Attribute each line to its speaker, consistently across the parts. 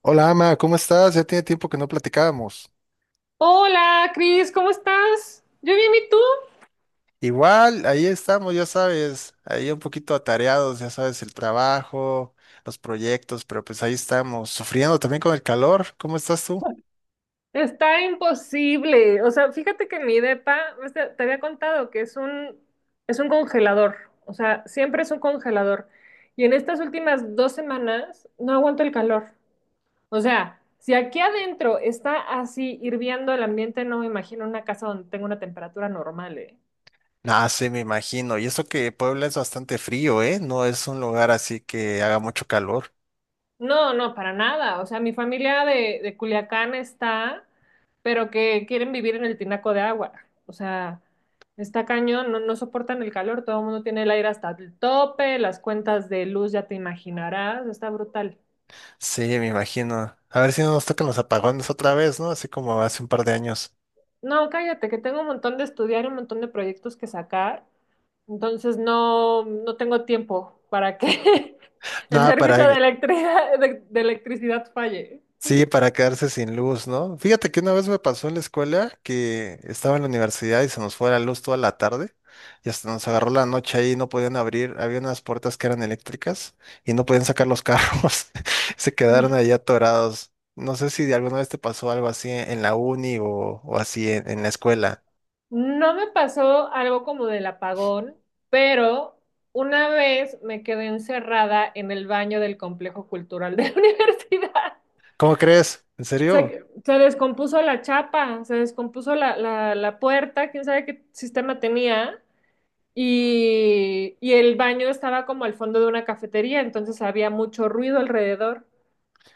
Speaker 1: Hola, Ama, ¿cómo estás? Ya tiene tiempo que no platicábamos.
Speaker 2: Hola, Cris, ¿cómo estás? Yo bien, ¿y tú?
Speaker 1: Igual, ahí estamos, ya sabes, ahí un poquito atareados, ya sabes, el trabajo, los proyectos, pero pues ahí estamos, sufriendo también con el calor. ¿Cómo estás tú?
Speaker 2: Está imposible. O sea, fíjate que mi depa, ves, te había contado que es es un congelador. O sea, siempre es un congelador. Y en estas últimas dos semanas no aguanto el calor. O sea, si aquí adentro está así hirviendo el ambiente, no me imagino una casa donde tenga una temperatura normal, ¿eh?
Speaker 1: Ah, sí, me imagino. Y eso que Puebla es bastante frío, ¿eh? No es un lugar así que haga mucho calor.
Speaker 2: No, no, para nada. O sea, mi familia de Culiacán está, pero que quieren vivir en el tinaco de agua. O sea, está cañón, no, no soportan el calor, todo el mundo tiene el aire hasta el tope, las cuentas de luz ya te imaginarás, está brutal.
Speaker 1: Sí, me imagino. A ver si no nos tocan los apagones otra vez, ¿no? Así como hace un par de años.
Speaker 2: No, cállate, que tengo un montón de estudiar y un montón de proyectos que sacar, entonces no, no tengo tiempo para que el
Speaker 1: Nada, para
Speaker 2: servicio de electricidad, de electricidad falle.
Speaker 1: Sí, para quedarse sin luz, ¿no? Fíjate que una vez me pasó en la escuela que estaba en la universidad y se nos fue la luz toda la tarde y hasta nos agarró la noche ahí, no podían abrir, había unas puertas que eran eléctricas y no podían sacar los carros, se
Speaker 2: No.
Speaker 1: quedaron ahí atorados. No sé si de alguna vez te pasó algo así en la uni o así en la escuela.
Speaker 2: No me pasó algo como del apagón, pero una vez me quedé encerrada en el baño del complejo cultural de la universidad.
Speaker 1: ¿Cómo crees? ¿En serio?
Speaker 2: Se descompuso la chapa, se descompuso la puerta, quién sabe qué sistema tenía, y el baño estaba como al fondo de una cafetería, entonces había mucho ruido alrededor.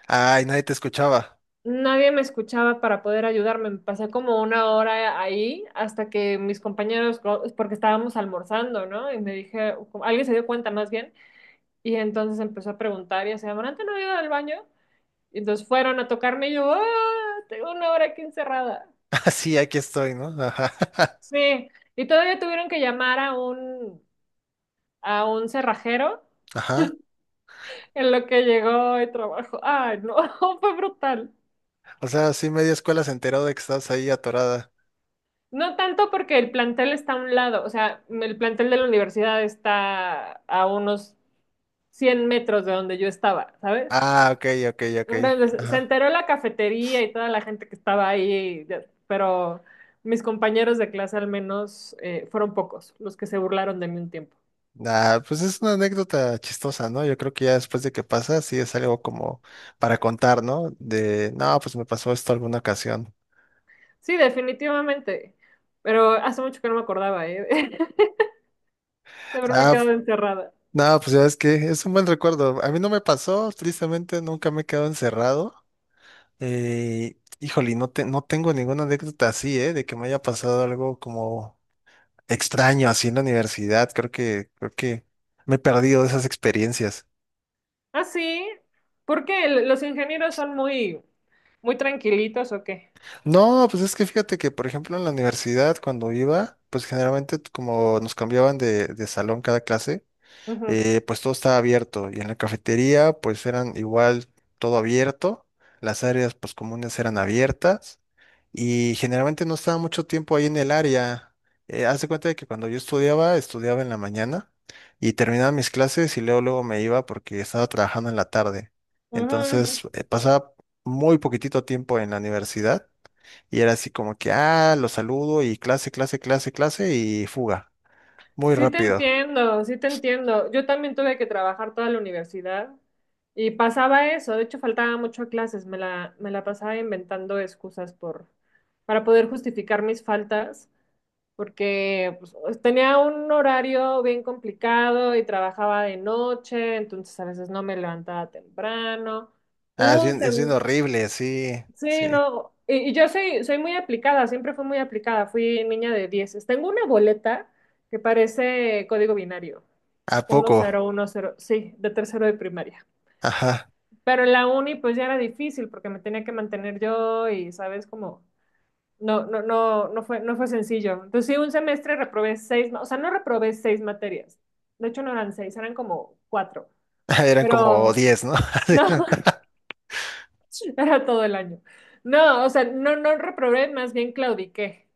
Speaker 1: Ay, nadie te escuchaba.
Speaker 2: Nadie me escuchaba para poder ayudarme. Me pasé como una hora ahí hasta que mis compañeros, porque estábamos almorzando, ¿no? Y me dije, alguien se dio cuenta más bien, y entonces empezó a preguntar y así, ¿Amarante no ha ido al baño? Y entonces fueron a tocarme y yo, ¡ah! Tengo una hora aquí encerrada.
Speaker 1: Ah, sí, aquí estoy, ¿no? Ajá.
Speaker 2: Sí, y todavía tuvieron que llamar a un cerrajero
Speaker 1: Ajá.
Speaker 2: en lo que llegó y trabajo. Ay, no, fue brutal.
Speaker 1: O sea, sí, media escuela se enteró de que estás ahí atorada.
Speaker 2: No tanto porque el plantel está a un lado, o sea, el plantel de la universidad está a unos 100 metros de donde yo estaba, ¿sabes?
Speaker 1: Ah, ok, ok, ok.
Speaker 2: Entonces, se
Speaker 1: Ajá.
Speaker 2: enteró la cafetería y toda la gente que estaba ahí, pero mis compañeros de clase al menos fueron pocos los que se burlaron de mí un tiempo.
Speaker 1: Ah, pues es una anécdota chistosa, ¿no? Yo creo que ya después de que pasa, sí es algo como para contar, ¿no? De, no, pues me pasó esto alguna ocasión.
Speaker 2: Sí, definitivamente, pero hace mucho que no me acordaba, ¿eh? de haberme
Speaker 1: Ah, f-
Speaker 2: quedado encerrada.
Speaker 1: no, pues ya es que es un buen recuerdo. A mí no me pasó, tristemente nunca me he quedado encerrado. Híjole, no tengo ninguna anécdota así, ¿eh? De que me haya pasado algo como extraño así en la universidad. Creo que me he perdido de esas experiencias.
Speaker 2: Ah, sí, ¿por qué? ¿Los ingenieros son muy tranquilitos o qué?
Speaker 1: No, pues es que fíjate que, por ejemplo, en la universidad, cuando iba, pues generalmente como nos cambiaban de salón cada clase,
Speaker 2: Ujú.
Speaker 1: pues todo estaba abierto y en la cafetería pues eran igual todo abierto, las áreas pues comunes eran abiertas y generalmente no estaba mucho tiempo ahí en el área. Haz de cuenta de que cuando yo estudiaba, estudiaba en la mañana y terminaba mis clases y luego luego me iba porque estaba trabajando en la tarde.
Speaker 2: Ujú.
Speaker 1: Entonces, pasaba muy poquitito tiempo en la universidad y era así como que, ah, lo saludo y clase, clase, clase, clase y fuga. Muy
Speaker 2: Sí te
Speaker 1: rápido.
Speaker 2: entiendo, sí te entiendo. Yo también tuve que trabajar toda la universidad y pasaba eso. De hecho, faltaba mucho a clases. Me la pasaba inventando excusas para poder justificar mis faltas, porque pues, tenía un horario bien complicado y trabajaba de noche, entonces a veces no me levantaba temprano. Hubo un,
Speaker 1: Es bien
Speaker 2: sem-
Speaker 1: horrible, sí, sí.
Speaker 2: Sí, no, y yo soy, soy muy aplicada, siempre fui muy aplicada, fui niña de 10. Tengo una boleta que parece código binario,
Speaker 1: ¿A
Speaker 2: uno uno
Speaker 1: poco?
Speaker 2: cero uno cero, sí, de tercero de primaria.
Speaker 1: Ajá.
Speaker 2: Pero en la uni pues ya era difícil porque me tenía que mantener yo y sabes como no, no, no fue, no fue sencillo. Entonces sí, un semestre o sea, no reprobé seis materias. De hecho no eran seis, eran como cuatro.
Speaker 1: Eran como
Speaker 2: Pero
Speaker 1: 10, ¿no?
Speaker 2: no, era todo el año. No, o sea, no, no reprobé, más bien claudiqué.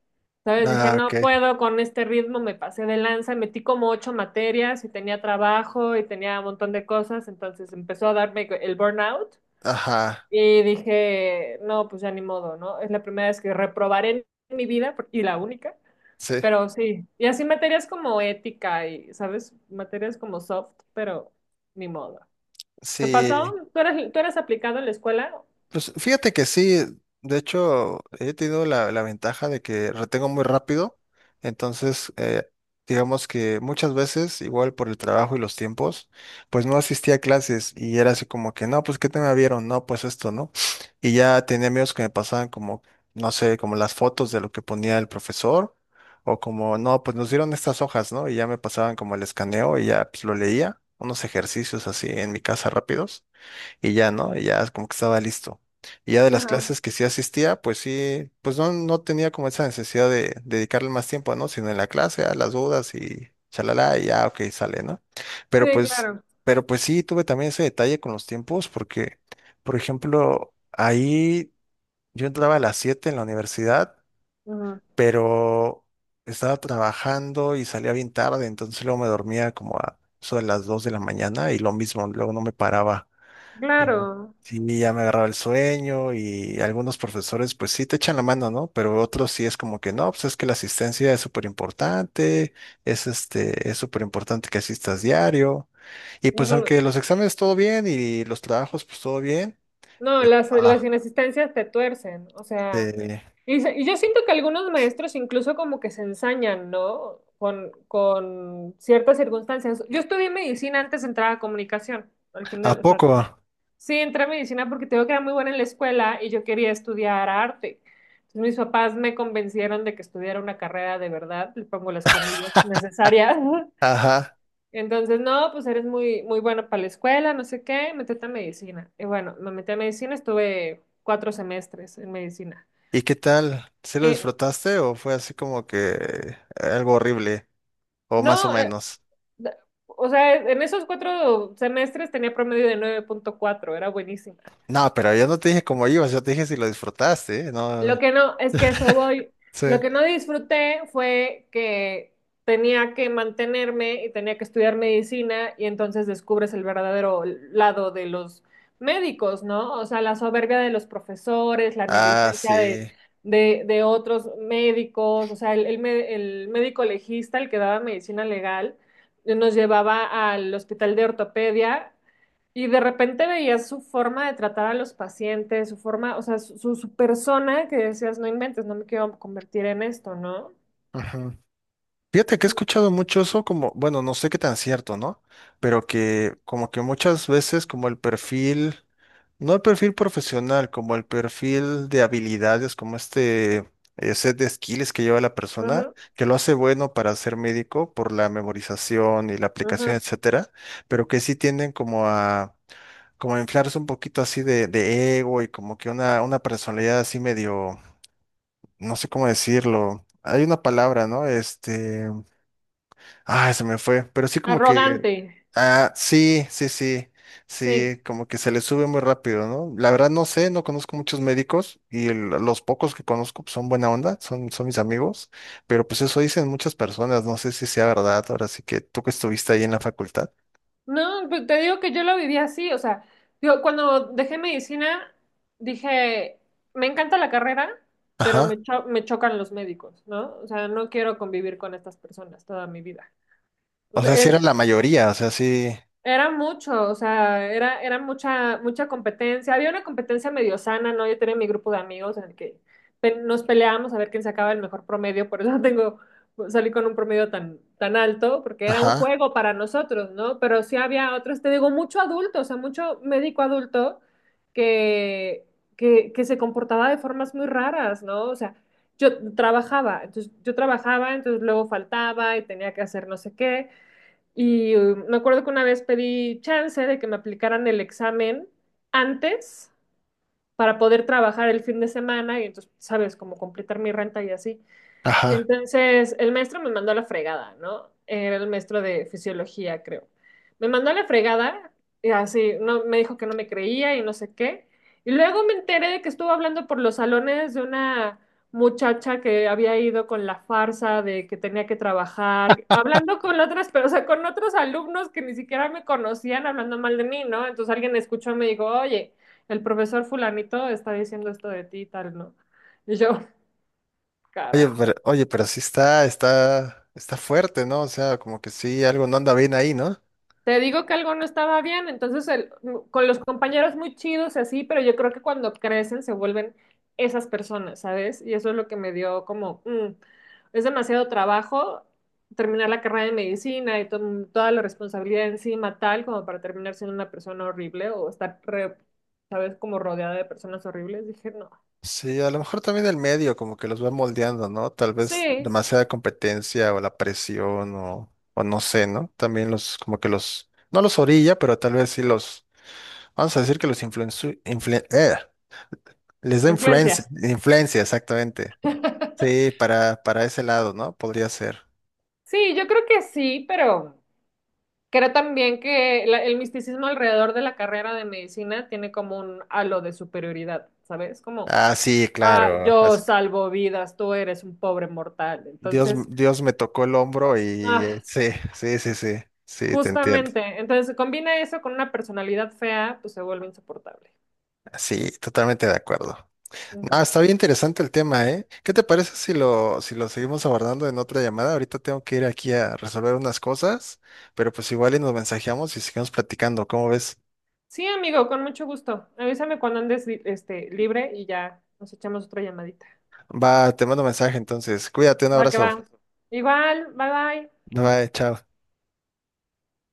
Speaker 2: ¿Sabes? Dije,
Speaker 1: Ah,
Speaker 2: no
Speaker 1: ok.
Speaker 2: puedo con este ritmo, me pasé de lanza, metí como ocho materias y tenía trabajo y tenía un montón de cosas, entonces empezó a darme el burnout
Speaker 1: Ajá.
Speaker 2: y dije, no, pues ya ni modo, ¿no? Es la primera vez que reprobaré en mi vida y la única,
Speaker 1: Sí,
Speaker 2: pero sí. Y así materias como ética y, ¿sabes? Materias como soft, pero ni modo. ¿Te pasó?
Speaker 1: sí.
Speaker 2: ¿Tú eres aplicado en la escuela?
Speaker 1: Pues fíjate que sí, de hecho he tenido la ventaja de que retengo muy rápido, entonces digamos que muchas veces, igual por el trabajo y los tiempos, pues no asistía a clases y era así como que, no, pues ¿qué tema vieron? No, pues esto, ¿no? Y ya tenía amigos que me pasaban como, no sé, como las fotos de lo que ponía el profesor o como, no, pues nos dieron estas hojas, ¿no? Y ya me pasaban como el escaneo y ya pues lo leía, unos ejercicios así en mi casa rápidos y ya, ¿no? Y ya como que estaba listo. Y ya de las
Speaker 2: Ajá.
Speaker 1: clases que sí asistía, pues sí, pues no tenía como esa necesidad de dedicarle más tiempo, ¿no? Sino en la clase, a las dudas y chalala, y ya, ok, sale, ¿no? Pero
Speaker 2: Sí,
Speaker 1: pues,
Speaker 2: claro.
Speaker 1: pero pues sí, tuve también ese detalle con los tiempos, porque, por ejemplo, ahí yo entraba a las 7 en la universidad,
Speaker 2: Ujú.
Speaker 1: pero estaba trabajando y salía bien tarde, entonces luego me dormía como a eso de las 2 de la mañana y lo mismo, luego no me paraba. Y
Speaker 2: Claro.
Speaker 1: sí, ya me agarraba el sueño y algunos profesores pues sí te echan la mano, ¿no? Pero otros sí es como que no, pues es que la asistencia es súper importante, es súper importante que asistas diario. Y pues
Speaker 2: Ujú.
Speaker 1: aunque los exámenes todo bien y los trabajos pues todo bien.
Speaker 2: No, las
Speaker 1: Ah,
Speaker 2: inasistencias te tuercen, o sea,
Speaker 1: eh,
Speaker 2: y yo siento que algunos maestros incluso como que se ensañan, ¿no? Con ciertas circunstancias. Yo estudié medicina antes de entrar a comunicación, al
Speaker 1: ¿a
Speaker 2: final, o sea,
Speaker 1: poco?
Speaker 2: sí entré a medicina porque tengo que era muy buena en la escuela y yo quería estudiar arte. Entonces mis papás me convencieron de que estudiara una carrera de verdad, le pongo las comillas necesarias.
Speaker 1: Ajá.
Speaker 2: Entonces, no, pues eres muy, muy bueno para la escuela, no sé qué, metete a medicina. Y bueno, me metí a medicina, estuve cuatro semestres en medicina.
Speaker 1: ¿Y qué tal? ¿Sí lo
Speaker 2: Eh,
Speaker 1: disfrutaste o fue así como que algo horrible o más o
Speaker 2: no,
Speaker 1: menos?
Speaker 2: da- O sea, en esos cuatro semestres tenía promedio de 9.4, era buenísima.
Speaker 1: No, pero yo no te dije cómo ibas, yo te dije si lo disfrutaste, ¿eh? No,
Speaker 2: Lo que no, es que eso voy.
Speaker 1: sí.
Speaker 2: Lo que no disfruté fue que tenía que mantenerme y tenía que estudiar medicina y entonces descubres el verdadero lado de los médicos, ¿no? O sea, la soberbia de los profesores, la
Speaker 1: Ah,
Speaker 2: negligencia
Speaker 1: sí.
Speaker 2: de otros médicos, o sea, el médico legista, el que daba medicina legal, nos llevaba al hospital de ortopedia y de repente veías su forma de tratar a los pacientes, su forma, o sea, su persona que decías, no inventes, no me quiero convertir en esto, ¿no?
Speaker 1: Ujú. Fíjate que he escuchado mucho eso como, bueno, no sé qué tan cierto, ¿no? Pero que como que muchas veces como el perfil, no el perfil profesional, como el perfil de habilidades, como este set de skills que lleva la persona,
Speaker 2: Ujú,
Speaker 1: que lo hace bueno para ser médico por la memorización y la aplicación,
Speaker 2: ujú.
Speaker 1: etcétera, pero que sí tienden como a inflarse un poquito así de ego y como que una personalidad así medio no sé cómo decirlo. Hay una palabra, ¿no? Este, ah, se me fue, pero sí como que,
Speaker 2: Arrogante,
Speaker 1: ah, sí, sí, sí,
Speaker 2: sí.
Speaker 1: sí, como que se le sube muy rápido, ¿no? La verdad no sé, no conozco muchos médicos y los pocos que conozco pues, son buena onda, son mis amigos, pero pues eso dicen muchas personas, no sé si sea verdad, ahora sí que tú que estuviste ahí en la facultad.
Speaker 2: No, pues, te digo que yo lo viví así, o sea, digo, cuando dejé medicina, dije, me encanta la carrera, pero
Speaker 1: Ajá.
Speaker 2: me chocan los médicos, ¿no? O sea, no quiero convivir con estas personas toda mi vida.
Speaker 1: O sea, sí era la mayoría, o sea, sí,
Speaker 2: Era mucho, o sea, era, era mucha, mucha competencia. Había una competencia medio sana, ¿no? Yo tenía mi grupo de amigos en el que nos peleábamos a ver quién sacaba el mejor promedio, por eso tengo, salí con un promedio tan, tan alto, porque era un
Speaker 1: ajá,
Speaker 2: juego para nosotros, ¿no? Pero sí había otros, te digo, mucho adulto, o sea, mucho médico adulto que, que se comportaba de formas muy raras, ¿no? O sea, yo trabajaba, entonces luego faltaba y tenía que hacer no sé qué. Y me acuerdo que una vez pedí chance de que me aplicaran el examen antes para poder trabajar el fin de semana y entonces, sabes, como completar mi renta y así. Y
Speaker 1: ajá.
Speaker 2: entonces el maestro me mandó a la fregada, ¿no? Era el maestro de fisiología, creo. Me mandó a la fregada y así, no, me dijo que no me creía y no sé qué. Y luego me enteré de que estuvo hablando por los salones de una muchacha que había ido con la farsa de que tenía que trabajar, hablando con otras, pero, o sea, con otros alumnos que ni siquiera me conocían, hablando mal de mí, ¿no? Entonces alguien escuchó y me dijo, oye, el profesor fulanito está diciendo esto de ti y tal, ¿no? Y yo, carajo.
Speaker 1: Oye, pero sí está fuerte, ¿no? O sea, como que sí, algo no anda bien ahí, ¿no?
Speaker 2: Te digo que algo no estaba bien, con los compañeros muy chidos y así, pero yo creo que cuando crecen se vuelven esas personas, ¿sabes? Y eso es lo que me dio como, mm, es demasiado trabajo terminar la carrera de medicina y toda la responsabilidad encima tal como para terminar siendo una persona horrible o ¿sabes? Como rodeada de personas horribles. Dije, no.
Speaker 1: Sí, a lo mejor también el medio, como que los va moldeando, ¿no? Tal vez
Speaker 2: Sí,
Speaker 1: demasiada competencia o la presión o no sé, ¿no? También los, como que los, no los orilla, pero tal vez sí los, vamos a decir que los les da influencia,
Speaker 2: influencia.
Speaker 1: influencia, exactamente. Sí, para ese lado, ¿no? Podría ser.
Speaker 2: Sí, yo creo que sí, pero... Creo también que el misticismo alrededor de la carrera de medicina tiene como un halo de superioridad, ¿sabes? Como,
Speaker 1: Ah, sí,
Speaker 2: ah,
Speaker 1: claro.
Speaker 2: yo salvo vidas, tú eres un pobre mortal.
Speaker 1: Dios,
Speaker 2: Entonces,
Speaker 1: Dios me tocó el hombro y
Speaker 2: ah,
Speaker 1: sí, sí, sí, sí, sí, te entiendo.
Speaker 2: justamente, entonces se combina eso con una personalidad fea, pues se vuelve insoportable.
Speaker 1: Sí, totalmente de acuerdo.
Speaker 2: Ujú.
Speaker 1: Ah, está bien interesante el tema, ¿eh? ¿Qué te parece si lo seguimos abordando en otra llamada? Ahorita tengo que ir aquí a resolver unas cosas, pero pues igual y nos mensajeamos y seguimos platicando, ¿cómo ves?
Speaker 2: Sí, amigo, con mucho gusto. Avísame cuando andes este, libre y ya nos echamos otra llamadita.
Speaker 1: Va, te mando mensaje entonces. Cuídate, un
Speaker 2: Va que va.
Speaker 1: abrazo.
Speaker 2: Igual, bye bye.
Speaker 1: Bye, bye, chao.